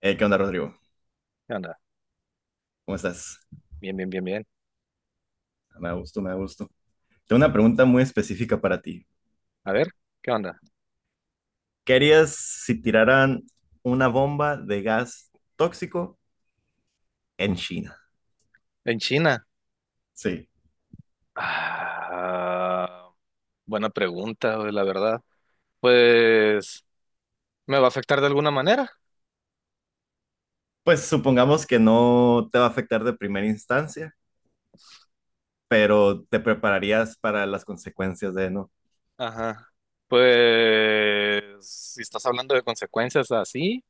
¿Qué onda, Rodrigo? ¿Qué onda? ¿Cómo estás? Bien, bien, bien, bien. Me da gusto, me da gusto. Tengo una pregunta muy específica para ti. A ver, ¿qué onda? ¿Qué harías si tiraran una bomba de gas tóxico en China? En China. Sí. Ah, buena pregunta, güey, la verdad. Pues, ¿me va a afectar de alguna manera? Pues supongamos que no te va a afectar de primera instancia, pero te prepararías para las consecuencias de no. Ajá. Pues, si estás hablando de consecuencias así,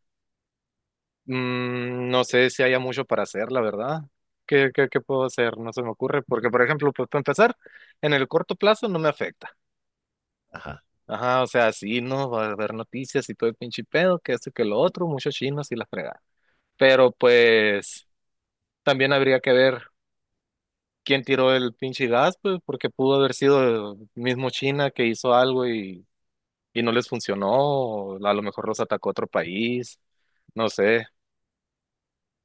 no sé si haya mucho para hacer, la verdad. ¿Qué puedo hacer? No se me ocurre. Porque, por ejemplo, pues, para empezar, en el corto plazo no me afecta. Ajá. Ajá, o sea, sí, no, va a haber noticias y todo el pinche pedo, que esto y que lo otro, muchos chinos y la fregada. Pero pues también habría que ver quién tiró el pinche gas, pues, porque pudo haber sido el mismo China que hizo algo y no les funcionó, o a lo mejor los atacó otro país, no sé,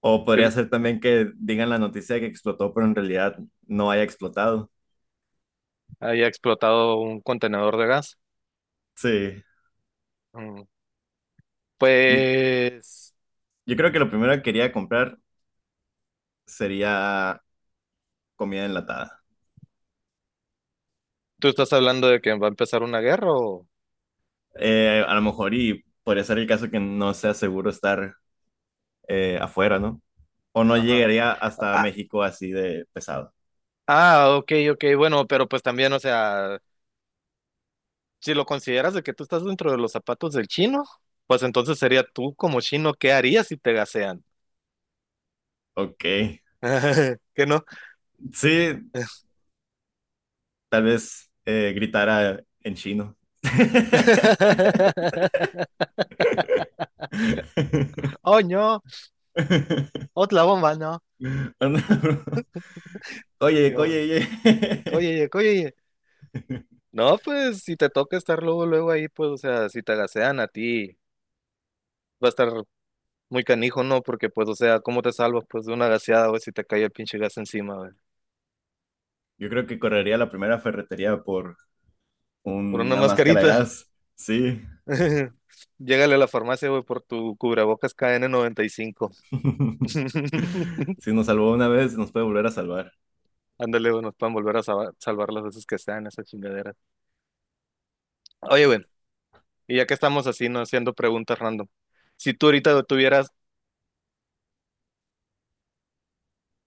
O podría que ser también que digan la noticia de que explotó, pero en realidad no haya explotado. haya explotado un contenedor de gas. Sí. Mm, Yo, Pues, yo creo que lo primero que quería comprar sería comida enlatada. ¿tú estás hablando de que va a empezar una guerra o...? A lo mejor y podría ser el caso que no sea seguro estar afuera, ¿no? O no Ajá. llegaría hasta Ah, México así de pesado. ah, ok, ok, bueno, pero pues también, o sea, si lo consideras de que tú estás dentro de los zapatos del chino, pues entonces sería tú como chino, ¿qué harías si te gasean? Ok. ¿Que no? Sí, tal vez gritara en chino. Oh, no, otra bomba, no. Anda, bro. Oye, oye, Qué bo- oye. Oye, oye, no, pues si te toca estar luego, luego ahí, pues, o sea, si te gasean a ti, va a estar muy canijo, ¿no? Porque, pues, o sea, ¿cómo te salvas, pues, de una gaseada, güey, si te cae el pinche gas encima, güey? Yo creo que correría a la primera ferretería por Por una una máscara de mascarita. gas. Sí. Llégale a la farmacia, güey, por tu cubrebocas kn cinco. Si nos salvó una vez, nos puede volver a salvar. Ándale, güey, nos puedan volver a salvar, las veces que sean esas chingaderas. Oye, güey, y ya que estamos así, no haciendo preguntas random. Si tú ahorita tuvieras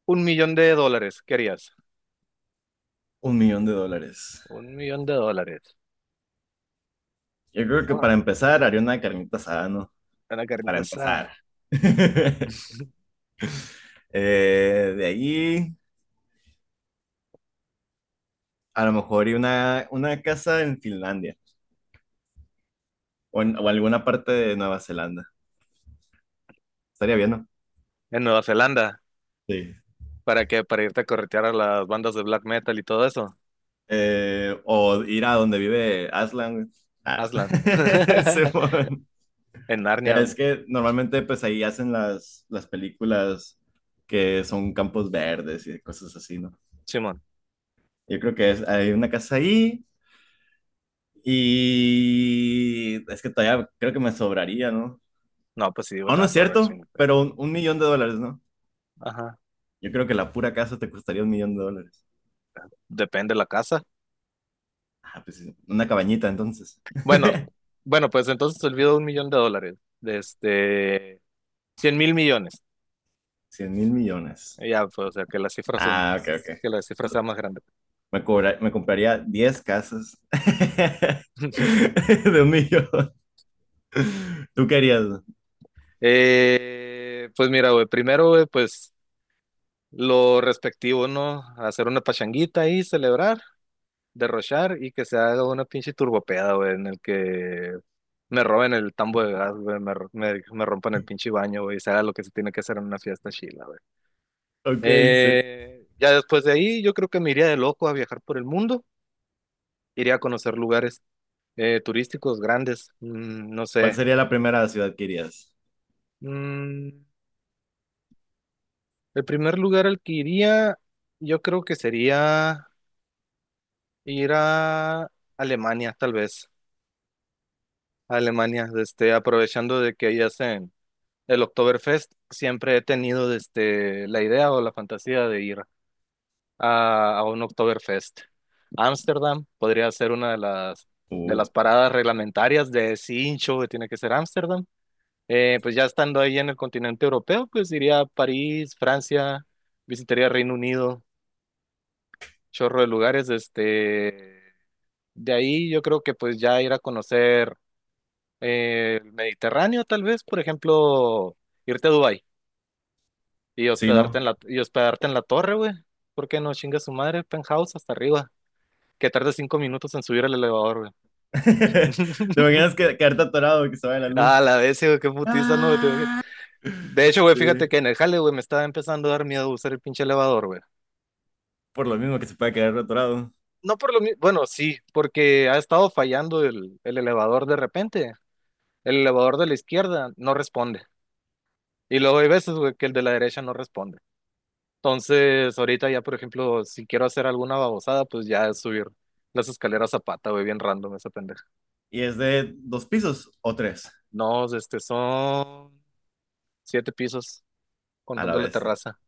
un millón de dólares, ¿qué harías? $1 millón. Un millón de dólares. Yo creo que What? para empezar haría una carnita asada, ¿no? Una Para carnita asada. empezar. De ahí, a lo mejor haría una casa en Finlandia o alguna parte de Nueva Zelanda. Estaría bien, ¿no? En Nueva Zelanda. Sí. ¿Para qué? Para irte a corretear a las bandas de black metal y todo eso. O ir a donde vive Aslan, güey. Ah. Aslan. Simón. En Ya Narnia, es güey. que normalmente pues ahí hacen las películas que son campos verdes y cosas así, ¿no? Simón. Yo creo que hay una casa ahí. Y es que todavía creo que me sobraría, ¿no? No, pues sí, güey, Aún te no es vas a ahorrar un cierto, chingo, güey. pero un millón de dólares, ¿no? Ajá. Yo creo que la pura casa te costaría $1 millón. Depende de la casa. Ah, pues sí, una cabañita entonces. Bueno, bueno, pues entonces olvido un millón de dólares. De este. Cien mil millones. 100 mil millones. Ya, pues, o sea, que las cifras son, Ah, ok, ok. que la cifra Tú- sea más grande. me compraría 10 casas de 1 millón. ¿Tú querías? Pues mira, güey, primero, güey, pues lo respectivo, ¿no? Hacer una pachanguita ahí, celebrar, derrochar y que se haga una pinche turbopeada, güey, en el que me roben el tambo de gas, güey, me rompan el pinche baño, güey, y se haga lo que se tiene que hacer en una fiesta chila, güey. Ok, sí. Ya después de ahí, yo creo que me iría de loco a viajar por el mundo, iría a conocer lugares turísticos grandes, no ¿Cuál sé. sería la primera ciudad que irías? Mm, El primer lugar al que iría, yo creo que sería ir a Alemania, tal vez. A Alemania, este, aprovechando de que ahí hacen el Oktoberfest, siempre he tenido este, la idea o la fantasía de ir a un Oktoberfest. Ámsterdam podría ser una de las, de Uh, las paradas reglamentarias de ese hincho que tiene que ser Ámsterdam. Pues ya estando ahí en el continente europeo, pues iría a París, Francia, visitaría Reino Unido chorro de lugares, este, de ahí yo creo que pues ya ir a conocer el Mediterráneo, tal vez, por ejemplo, irte a Dubái y sí, ¿no? Hospedarte en la torre, güey, ¿por qué no chinga su madre, penthouse hasta arriba? Que tarde 5 minutos en subir el elevador, güey. ¿Te imaginas que quedarte atorado que se vaya la Ah, luz? la vez, güey, qué putiza, no, te imaginas. Ah. De hecho, güey, fíjate Sí, que en el jale, güey, me estaba empezando a dar miedo usar el pinche elevador, güey. por lo mismo que se puede quedar atorado. No por lo mismo, bueno, sí, porque ha estado fallando el elevador de repente. El elevador de la izquierda no responde. Y luego hay veces, güey, que el de la derecha no responde. Entonces, ahorita ya, por ejemplo, si quiero hacer alguna babosada, pues ya es subir las escaleras a pata, güey, bien random esa pendeja. Y es de dos pisos o tres No, este, son 7 pisos a la contando la vez. terraza.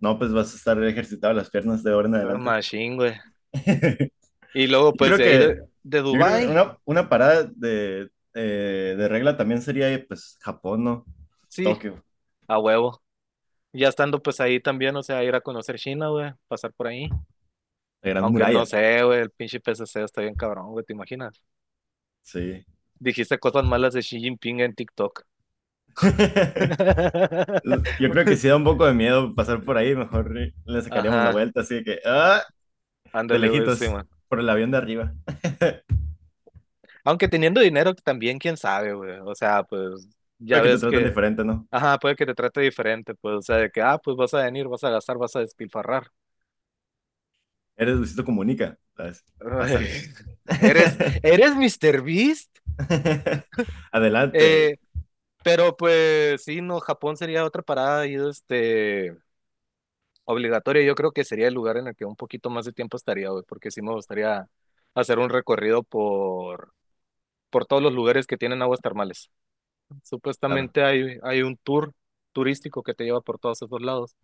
No, pues vas a estar ejercitado las piernas de ahora en Ah, adelante. Machine, güey. Y luego, Yo pues creo de ahí que, de yo creo que Dubái, una parada de regla también sería, pues, Japón, ¿no? sí, Tokio, a huevo. Ya estando pues ahí también, o sea, ir a conocer China, güey, pasar por ahí. la Gran Aunque no Muralla. sé, güey, el pinche PCC está bien cabrón, güey, ¿te imaginas? Sí. Dijiste cosas malas de Xi Jinping en TikTok. Yo creo que si da un poco de miedo pasar por ahí, mejor le sacaríamos la Ajá, vuelta, así que, de ándale, güey, sí, lejitos, man. por el avión de arriba. Aunque teniendo dinero también, quién sabe, güey. O sea, pues ya Puede que te ves traten que, diferente, ¿no? ajá, puede que te trate diferente, pues, o sea, de que, ah, pues vas a venir, vas a gastar, vas a despilfarrar. Eres Luisito Comunica, ¿sabes? Ay, Pásale. Eres, eres Mr. Beast, Adelante. eh, pero pues sí, no, Japón sería otra parada y este, obligatoria. Yo creo que sería el lugar en el que un poquito más de tiempo estaría, güey, porque sí me gustaría hacer un recorrido por todos los lugares que tienen aguas termales. Claro. Supuestamente hay un tour turístico que te lleva por todos esos lados,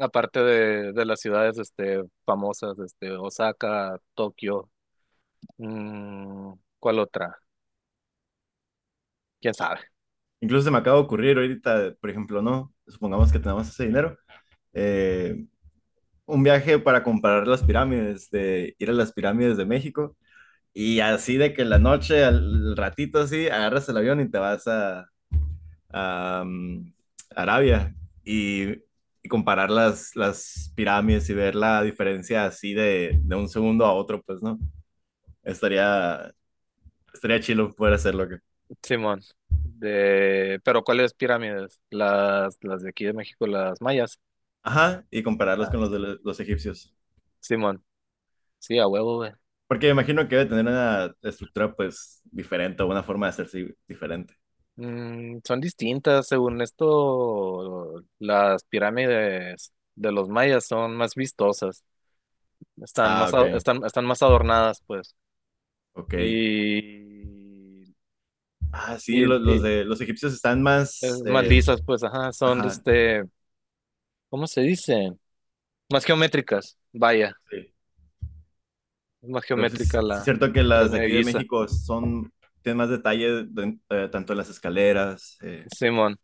aparte de las ciudades este, famosas, este, Osaka, Tokio, mm, ¿cuál otra? ¿Quién sabe? Incluso se me acaba de ocurrir ahorita, por ejemplo, ¿no? Supongamos que tenemos ese dinero. eh, un viaje para comprar las pirámides, de ir a las pirámides de México. Y así de que en la noche, al ratito así, agarras el avión y te vas a Arabia. Y, y comparar las pirámides y ver la diferencia así de un segundo a otro, pues, ¿no? Estaría, estaría chido poder hacerlo. Simón. Pero ¿cuáles pirámides? Las de aquí de México, las mayas. Ajá, y compararlos Ah, con los de Simón. los egipcios. Simón. Sí, a huevo, güey. Porque me imagino que debe tener una estructura pues diferente o una forma de hacerse diferente. Son distintas, según esto, las pirámides de los mayas son más vistosas. Están Ah, más, a- ok, están, están más adornadas, pues. ok. Y, Ah, sí, y, los, y, de los egipcios están eh, más... más eh, lisas, pues, ajá, son de Ajá, este, ¿cómo se dice? Más geométricas, vaya, sí. es más Pero geométrica sí es la cierto que las de pirámide de aquí de Giza, México son, tienen más detalle tanto en las escaleras, Simón,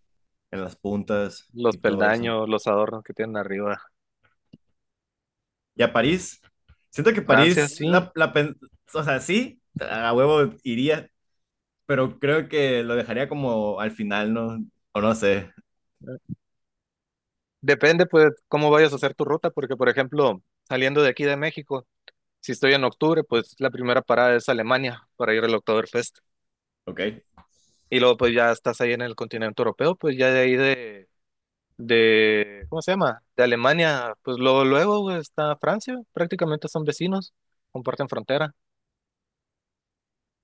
en las puntas los y todo eso. peldaños, los adornos que tienen arriba. Y a París, siento que Francia, París, sí. O sea, sí, a huevo iría, pero creo que lo dejaría como al final, ¿no? O no sé, Depende, pues, cómo vayas a hacer tu ruta, porque, por ejemplo, saliendo de aquí de México, si estoy en octubre, pues la primera parada es Alemania para ir al Oktoberfest. ok. Y luego, pues, ya estás ahí en el continente europeo, pues ya de ahí de, ¿cómo se llama? De Alemania, pues luego, luego güey, está Francia, prácticamente son vecinos, comparten frontera.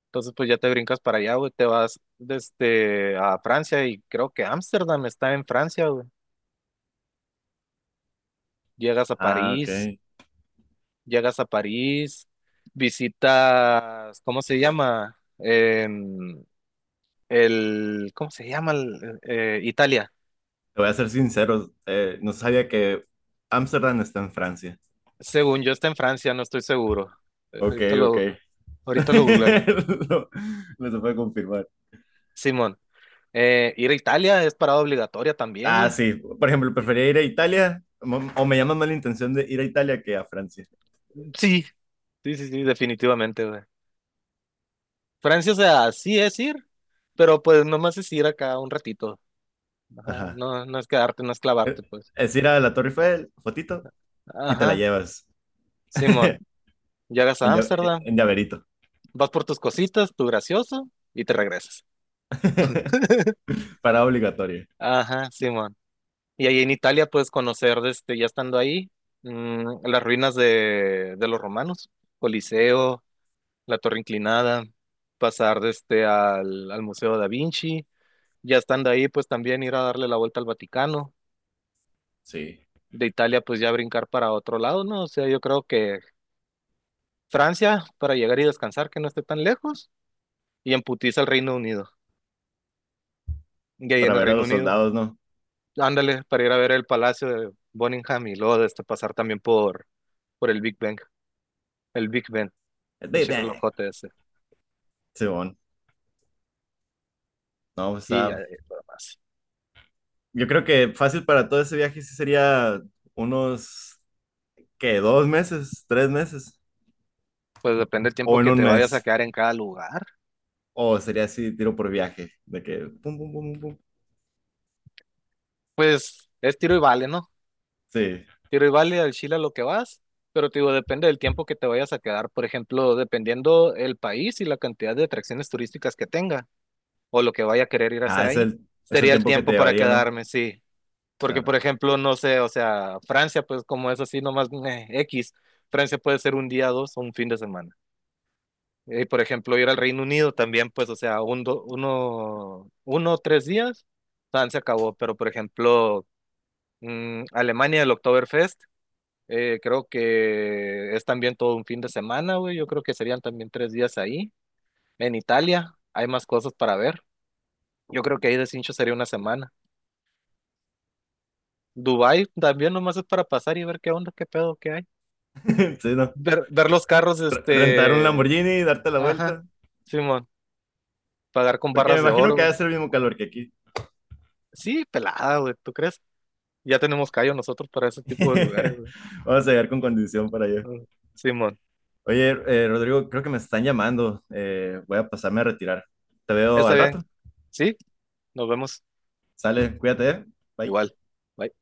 Entonces, pues ya te brincas para allá, güey, te vas desde a Francia y creo que Ámsterdam está en Francia, güey. Llegas a Ah, ok. París, Te llegas a París, visitas, ¿cómo se llama? ¿Cómo se llama? Italia. voy a ser sincero, no sabía que Ámsterdam está en Francia. Según yo está en Francia, no estoy seguro. Eh, Ok, Ahorita ok. lo, ahorita lo googleamos. No, no se puede confirmar. Simón. Ir a Italia es parada obligatoria también, Ah, güey. sí. Por ejemplo, Eh, prefería ir a Italia, o me llama más la intención de ir a Italia que a Francia. Sí, sí, sí, sí, definitivamente, güey. Francia, o sea, sí es ir, pero pues nomás es ir acá un ratito. Ajá, Ajá. no, no es quedarte, no es Eh, clavarte, pues. Es ir a la Torre Eiffel, fotito, y te la Ajá, llevas Simón, en, llegas a lla- eh, Ámsterdam, en llaverito. vas por tus cositas, tu gracioso, y te regresas. Para obligatorio. Ajá, Simón. Y ahí en Italia puedes conocer, este, ya estando ahí, las ruinas de los romanos, Coliseo, la Torre Inclinada, pasar desde al Museo Da Vinci, ya estando ahí, pues también ir a darle la vuelta al Vaticano, Sí. de Italia, pues ya brincar para otro lado, ¿no? O sea, yo creo que Francia, para llegar y descansar, que no esté tan lejos, y en putiza al Reino Unido, y ahí Para en el ver a Reino los Unido, soldados, ¿no? ándale, para ir a ver el Palacio de Buckingham y luego este, pasar también por el Big Ben, El Big pinche Bang. relojote ese, Simón, no, o y ya, sea, lo demás. yo creo que fácil para todo ese viaje sí sería unos, ¿qué? ¿2 meses? ¿3 meses? Pues depende del tiempo ¿O en que un te vayas a mes? quedar en cada lugar. O sería así, tiro por viaje, de que pum, pum, pum, pum, pum. Pues es tiro y vale, ¿no? Sí, Tiro y vale al Chile a lo que vas, pero te digo, depende del tiempo que te vayas a quedar. Por ejemplo, dependiendo el país y la cantidad de atracciones turísticas que tenga o lo que vaya a querer ir a hacer es ahí, el sería el tiempo que te tiempo para llevaría, ¿no? quedarme, sí. Porque, Claro. por ejemplo, no sé, o sea, Francia, pues como es así nomás meh, X, Francia puede ser un día, dos o un fin de semana. Y, por ejemplo, ir al Reino Unido también, pues, o sea, un, do- uno, uno, tres días, tan se acabó. Pero, por ejemplo, Alemania, el Oktoberfest. Creo que es también todo un fin de semana, güey. Yo creo que serían también 3 días ahí. En Italia hay más cosas para ver. Yo creo que ahí de cincho sería una semana. Dubái también nomás es para pasar y ver qué onda, qué pedo qué hay. Sí, ¿no? Ver los carros, Rentar un este. Lamborghini, darte la Ajá, vuelta, Simón. Pagar con porque me barras de imagino oro, que va güey. a ser el mismo calor que aquí. Sí, pelada, güey. ¿Tú crees? Ya tenemos callo nosotros para ese tipo de lugares, güey. Vamos a llegar con condición para allá. Mm, Simón. Oye, Rodrigo, creo que me están llamando, voy a pasarme a retirar. Te veo Está al bien. rato. Sí, nos vemos. Sale, cuídate, ¿eh? Bye. Igual. Bye.